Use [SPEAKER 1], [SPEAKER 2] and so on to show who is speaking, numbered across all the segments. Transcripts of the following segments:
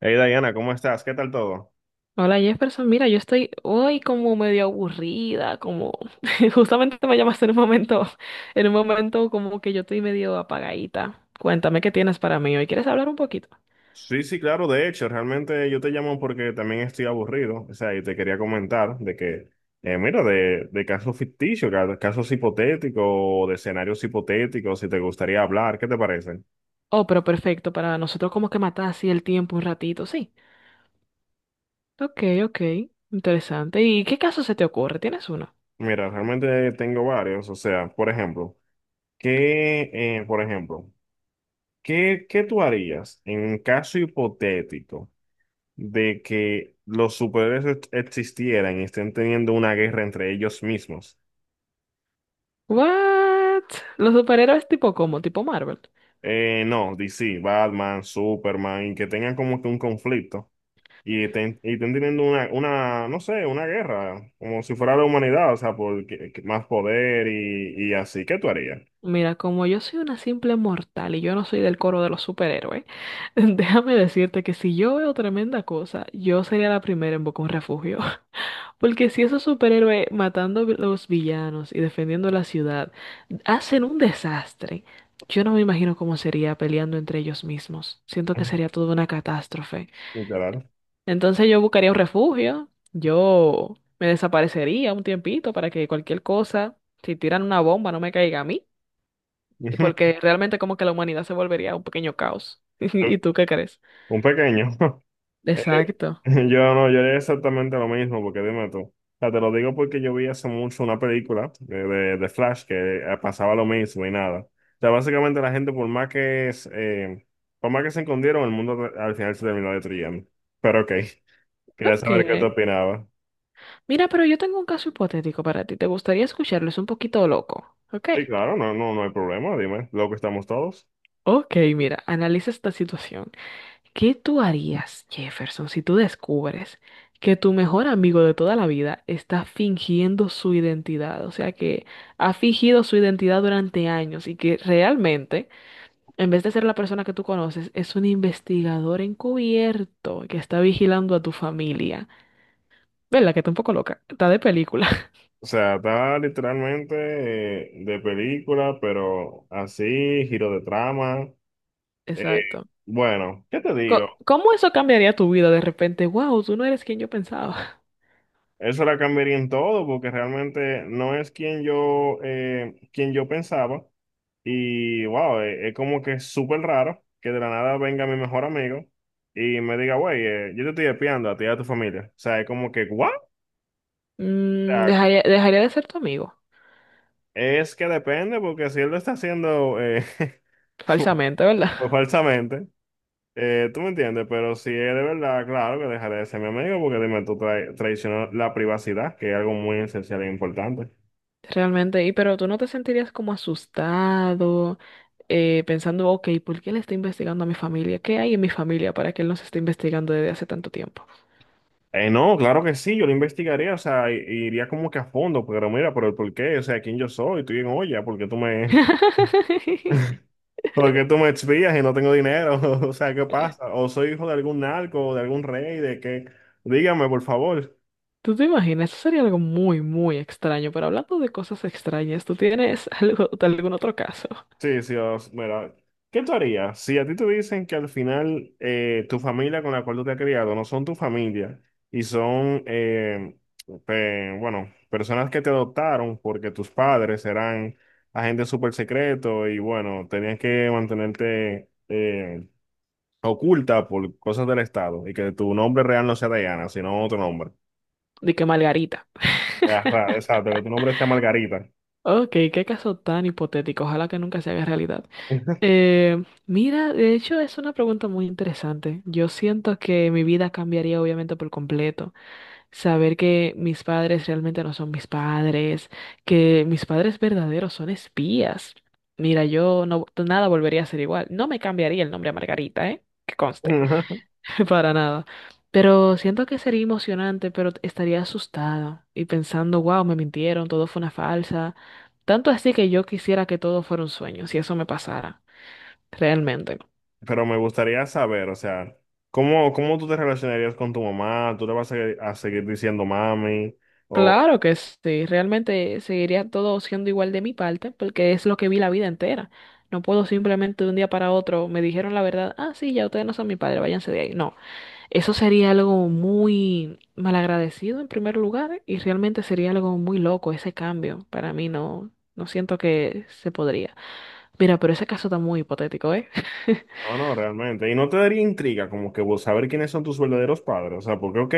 [SPEAKER 1] Hey Diana, ¿cómo estás? ¿Qué tal todo?
[SPEAKER 2] Hola Jefferson, mira, yo estoy hoy como medio aburrida, como justamente me llamaste en un momento como que yo estoy medio apagadita. Cuéntame qué tienes para mí hoy. ¿Quieres hablar un poquito?
[SPEAKER 1] Sí, sí, claro, de hecho, realmente yo te llamo porque también estoy aburrido, o sea, y te quería comentar de que, mira, de casos ficticios, casos hipotéticos, o de escenarios hipotéticos, si te gustaría hablar, ¿qué te parece?
[SPEAKER 2] Oh, pero perfecto, para nosotros como que matar así el tiempo un ratito, sí. Ok, ok, interesante. ¿Y qué caso se te ocurre? ¿Tienes uno?
[SPEAKER 1] Mira, realmente tengo varios, o sea, por ejemplo, por ejemplo, ¿qué, qué tú harías en un caso hipotético de que los superhéroes existieran y estén teniendo una guerra entre ellos mismos?
[SPEAKER 2] What? ¿Los superhéroes tipo cómo? ¿Tipo Marvel?
[SPEAKER 1] No, DC, Batman, Superman, y que tengan como que un conflicto y estén teniendo una, no sé, una guerra, como si fuera la humanidad, o sea, que más poder y así. ¿Qué tú harías?
[SPEAKER 2] Mira, como yo soy una simple mortal y yo no soy del coro de los superhéroes, déjame decirte que si yo veo tremenda cosa, yo sería la primera en buscar un refugio. Porque si esos superhéroes matando los villanos y defendiendo la ciudad hacen un desastre, yo no me imagino cómo sería peleando entre ellos mismos. Siento que sería toda una catástrofe.
[SPEAKER 1] Literal.
[SPEAKER 2] Entonces yo buscaría un refugio, yo me desaparecería un tiempito para que cualquier cosa, si tiran una bomba, no me caiga a mí. Y porque realmente como que la humanidad se volvería un pequeño caos. ¿Y tú qué crees?
[SPEAKER 1] Un pequeño. Eh,
[SPEAKER 2] Exacto.
[SPEAKER 1] Yo no, yo haría exactamente lo mismo, porque dime tú. O sea, te lo digo porque yo vi hace mucho una película de, de Flash que pasaba lo mismo y nada. O sea, básicamente la gente, por más que se escondieron, el mundo al final se terminó destruyendo. Pero ok, quería saber qué te
[SPEAKER 2] Ok.
[SPEAKER 1] opinaba.
[SPEAKER 2] Mira, pero yo tengo un caso hipotético para ti. ¿Te gustaría escucharlo? Es un poquito loco. Ok.
[SPEAKER 1] Sí, claro, no, no, no hay problema, dime, lo que estamos todos.
[SPEAKER 2] Ok, mira, analiza esta situación. ¿Qué tú harías, Jefferson, si tú descubres que tu mejor amigo de toda la vida está fingiendo su identidad? O sea, que ha fingido su identidad durante años y que realmente, en vez de ser la persona que tú conoces, es un investigador encubierto que está vigilando a tu familia. ¿Verdad? Que está un poco loca. Está de película.
[SPEAKER 1] O sea, está literalmente de película, pero así, giro de trama. Eh,
[SPEAKER 2] Exacto.
[SPEAKER 1] bueno, ¿qué te digo?
[SPEAKER 2] ¿Cómo eso cambiaría tu vida de repente? Wow, tú no eres quien yo pensaba.
[SPEAKER 1] Eso la cambiaría en todo, porque realmente no es quien yo pensaba. Y wow, como que es súper raro que de la nada venga mi mejor amigo y me diga, güey, yo te estoy espiando a ti y a tu familia. O sea, es como que, ¿what? O
[SPEAKER 2] Mm,
[SPEAKER 1] sea,
[SPEAKER 2] dejaría de ser tu amigo.
[SPEAKER 1] es que depende, porque si él lo está haciendo
[SPEAKER 2] Falsamente, ¿verdad?
[SPEAKER 1] pues, falsamente, tú me entiendes, pero si es de verdad, claro que dejaré de ser mi amigo, porque dime, tú traicionas la privacidad, que es algo muy esencial e importante.
[SPEAKER 2] Realmente. Y pero tú no te sentirías como asustado, pensando, ok, ¿por qué él está investigando a mi familia? ¿Qué hay en mi familia para que él nos esté investigando desde hace tanto tiempo?
[SPEAKER 1] No, claro que sí, yo lo investigaría, o sea, iría como que a fondo, pero mira, pero ¿por qué? O sea, ¿quién yo soy? Tú bien, oye, ¿por qué tú me, por qué tú me espías y no tengo dinero? O sea, ¿qué pasa? ¿O soy hijo de algún narco, de algún rey, de qué? Dígame, por favor.
[SPEAKER 2] ¿Tú te imaginas? Eso sería algo muy, muy extraño. Pero hablando de cosas extrañas, ¿tú tienes algo, algún otro caso?
[SPEAKER 1] Sí, sí, mira, ¿qué tú harías si a ti te dicen que al final tu familia con la cual tú te has criado no son tu familia y son, bueno, personas que te adoptaron porque tus padres eran agentes súper secretos y bueno, tenías que mantenerte oculta por cosas del Estado y que tu nombre real no sea Diana, sino otro nombre?
[SPEAKER 2] De que Margarita.
[SPEAKER 1] Ajá, exacto, que tu nombre sea Margarita.
[SPEAKER 2] Ok, qué caso tan hipotético. Ojalá que nunca se haga realidad. Mira, de hecho es una pregunta muy interesante. Yo siento que mi vida cambiaría obviamente por completo. Saber que mis padres realmente no son mis padres, que mis padres verdaderos son espías. Mira, yo no, nada volvería a ser igual. No me cambiaría el nombre a Margarita, ¿eh? Que conste. Para nada. Pero siento que sería emocionante, pero estaría asustada y pensando, wow, me mintieron, todo fue una falsa. Tanto así que yo quisiera que todo fuera un sueño, si eso me pasara, realmente.
[SPEAKER 1] Pero me gustaría saber, o sea, ¿cómo, cómo tú te relacionarías con tu mamá? ¿Tú le vas a seguir diciendo mami? O,
[SPEAKER 2] Claro que sí, realmente seguiría todo siendo igual de mi parte, porque es lo que vi la vida entera. No puedo simplemente de un día para otro, me dijeron la verdad, ah, sí, ya ustedes no son mi padre, váyanse de ahí. No. Eso sería algo muy malagradecido en primer lugar y realmente sería algo muy loco ese cambio. Para mí no, no siento que se podría. Mira, pero ese caso está muy hipotético, ¿eh?
[SPEAKER 1] no, no, realmente. Y no te daría intriga como que vos saber quiénes son tus verdaderos padres. O sea, porque, ok,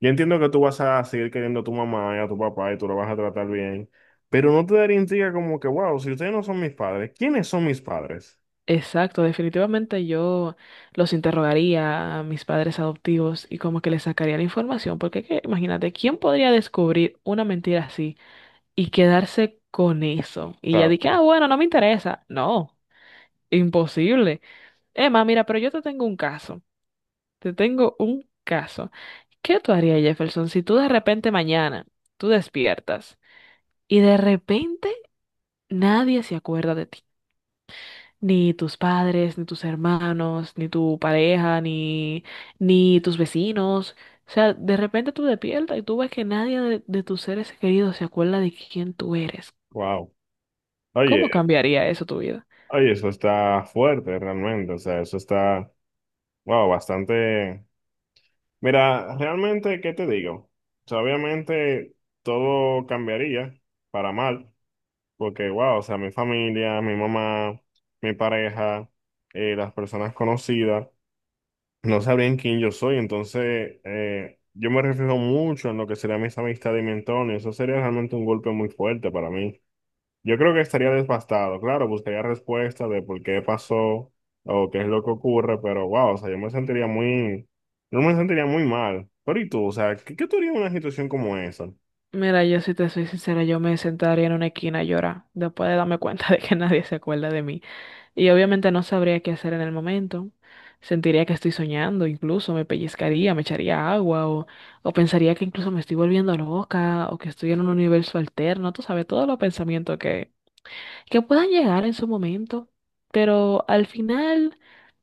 [SPEAKER 1] yo entiendo que tú vas a seguir queriendo a tu mamá y a tu papá y tú lo vas a tratar bien, pero no te daría intriga como que, wow, si ustedes no son mis padres, ¿quiénes son mis padres?
[SPEAKER 2] Exacto, definitivamente yo los interrogaría a mis padres adoptivos y como que les sacaría la información, porque imagínate, ¿quién podría descubrir una mentira así y quedarse con eso?
[SPEAKER 1] O
[SPEAKER 2] Y ya dije,
[SPEAKER 1] sea,
[SPEAKER 2] ah, bueno, no me interesa. No, imposible. Emma, mira, pero yo te tengo un caso. Te tengo un caso. ¿Qué tú harías, Jefferson, si tú de repente mañana tú despiertas y de repente nadie se acuerda de ti? Ni tus padres, ni tus hermanos, ni tu pareja, ni, ni tus vecinos. O sea, de repente tú despiertas y tú ves que nadie de tus seres queridos se acuerda de quién tú eres.
[SPEAKER 1] wow.
[SPEAKER 2] ¿Cómo
[SPEAKER 1] Oye,
[SPEAKER 2] cambiaría eso tu vida?
[SPEAKER 1] oye, eso está fuerte realmente. O sea, eso está, wow, bastante. Mira, realmente, ¿qué te digo? O sea, obviamente todo cambiaría para mal, porque, wow, o sea, mi familia, mi mamá, mi pareja, las personas conocidas, no sabrían quién yo soy, entonces yo me reflejo mucho en lo que serían mis amistades y mi entorno, y eso sería realmente un golpe muy fuerte para mí. Yo creo que estaría desbastado, claro, buscaría respuestas de por qué pasó o qué es lo que ocurre, pero wow, o sea, yo me sentiría muy mal. Pero ¿y tú? O sea, ¿qué, qué tú harías en una situación como esa?
[SPEAKER 2] Mira, yo si te soy sincera, yo me sentaría en una esquina a llorar después de darme cuenta de que nadie se acuerda de mí. Y obviamente no sabría qué hacer en el momento. Sentiría que estoy soñando, incluso me pellizcaría, me echaría agua o pensaría que incluso me estoy volviendo loca o que estoy en un universo alterno. Tú sabes, todos los pensamientos que puedan llegar en su momento. Pero al final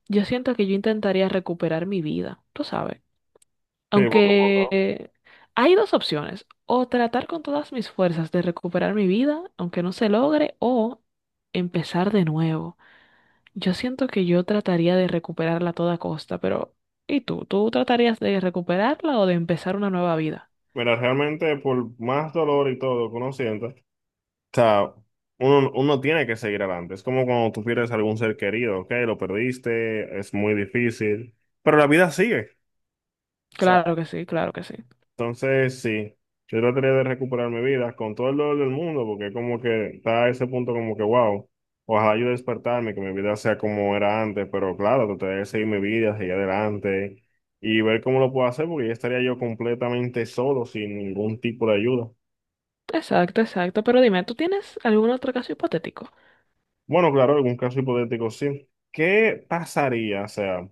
[SPEAKER 2] yo siento que yo intentaría recuperar mi vida, tú sabes.
[SPEAKER 1] Sí, poco a poco.
[SPEAKER 2] Aunque hay dos opciones. O tratar con todas mis fuerzas de recuperar mi vida, aunque no se logre, o empezar de nuevo. Yo siento que yo trataría de recuperarla a toda costa, pero ¿y tú? ¿Tú tratarías de recuperarla o de empezar una nueva vida?
[SPEAKER 1] Mira, realmente por más dolor y todo que uno sienta, o sea, uno tiene que seguir adelante. Es como cuando tú pierdes algún ser querido, ok, lo perdiste, es muy difícil, pero la vida sigue.
[SPEAKER 2] Claro que sí, claro que sí.
[SPEAKER 1] Entonces, sí, yo trataría de recuperar mi vida con todo el dolor del mundo, porque como que está a ese punto como que, wow, ojalá yo despertarme, que mi vida sea como era antes, pero claro, trataré de seguir mi vida, seguir adelante y ver cómo lo puedo hacer, porque ya estaría yo completamente solo, sin ningún tipo de ayuda.
[SPEAKER 2] Exacto, exacto. Pero dime, ¿tú tienes algún otro caso hipotético?
[SPEAKER 1] Bueno, claro, algún caso hipotético, sí. ¿Qué pasaría, o sea,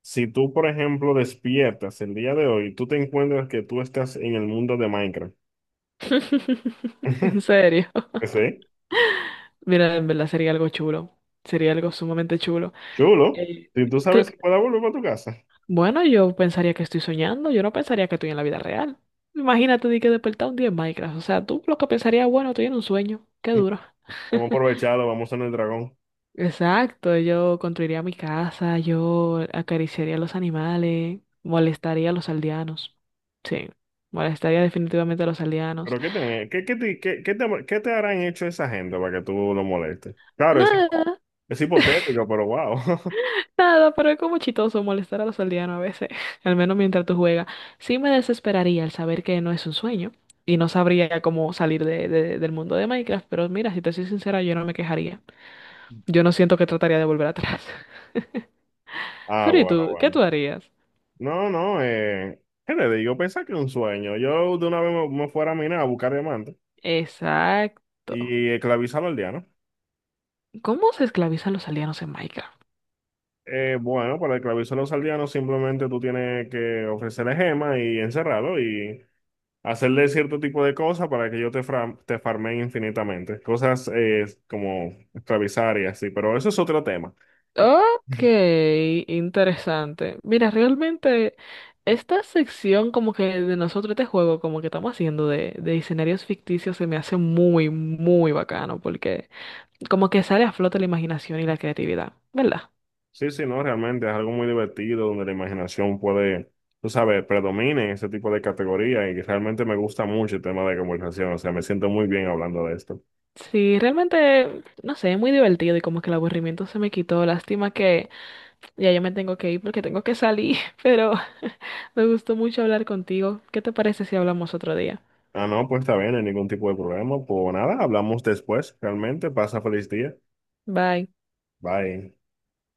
[SPEAKER 1] si tú, por ejemplo, despiertas el día de hoy, tú te encuentras que tú estás en el mundo de Minecraft?
[SPEAKER 2] En serio.
[SPEAKER 1] ¿Sí?
[SPEAKER 2] Mira, en verdad sería algo chulo. Sería algo sumamente chulo.
[SPEAKER 1] Chulo.
[SPEAKER 2] Eh,
[SPEAKER 1] Si tú sabes
[SPEAKER 2] cl-
[SPEAKER 1] que pueda volver para tu casa,
[SPEAKER 2] bueno, yo pensaría que estoy soñando. Yo no pensaría que estoy en la vida real. Imagínate de que despertar un día en Minecraft. O sea, tú lo que pensarías, bueno, estoy en un sueño. Qué duro.
[SPEAKER 1] vamos a aprovecharlo, vamos a en el dragón.
[SPEAKER 2] Exacto, yo construiría mi casa, yo acariciaría a los animales, molestaría a los aldeanos. Sí, molestaría definitivamente a los aldeanos.
[SPEAKER 1] Pero ¿qué te harán hecho esa gente para que tú lo molestes? Claro,
[SPEAKER 2] Nada,
[SPEAKER 1] es hipotético, pero wow.
[SPEAKER 2] nada, pero es como chistoso molestar a los aldeanos a veces, al menos mientras tú juegas. Sí me desesperaría al saber que no es un sueño y no sabría cómo salir del mundo de Minecraft, pero mira, si te soy sincera, yo no me quejaría. Yo no siento que trataría de volver atrás.
[SPEAKER 1] Ah,
[SPEAKER 2] Pero ¿y
[SPEAKER 1] bueno,
[SPEAKER 2] tú? ¿Qué
[SPEAKER 1] bueno.
[SPEAKER 2] tú harías?
[SPEAKER 1] No, no, ¿qué le digo? Pensá que es un sueño. Yo de una vez me, me fuera a minar a buscar diamantes
[SPEAKER 2] Exacto.
[SPEAKER 1] y esclavizar a los aldeanos.
[SPEAKER 2] ¿Cómo se esclavizan los aldeanos en Minecraft?
[SPEAKER 1] Bueno, para esclavizar a los aldeanos simplemente tú tienes que ofrecerle gemas y encerrarlo y hacerle cierto tipo de cosas para que yo te, te farme infinitamente. Cosas como esclavizar y así, pero eso es otro tema.
[SPEAKER 2] Ok, interesante. Mira, realmente esta sección como que de nosotros, este juego como que estamos haciendo de escenarios ficticios se me hace muy, muy bacano porque como que sale a flote la imaginación y la creatividad, ¿verdad?
[SPEAKER 1] Sí, sí, no, realmente es algo muy divertido donde la imaginación puede, tú sabes, predomine en ese tipo de categoría y realmente me gusta mucho el tema de conversación, o sea, me siento muy bien hablando de esto.
[SPEAKER 2] Sí, realmente, no sé, es muy divertido y como que el aburrimiento se me quitó. Lástima que ya yo me tengo que ir porque tengo que salir, pero me gustó mucho hablar contigo. ¿Qué te parece si hablamos otro día?
[SPEAKER 1] Ah, no, pues está bien, no hay ningún tipo de problema. Pues nada, hablamos después, realmente, pasa feliz día.
[SPEAKER 2] Bye.
[SPEAKER 1] Bye.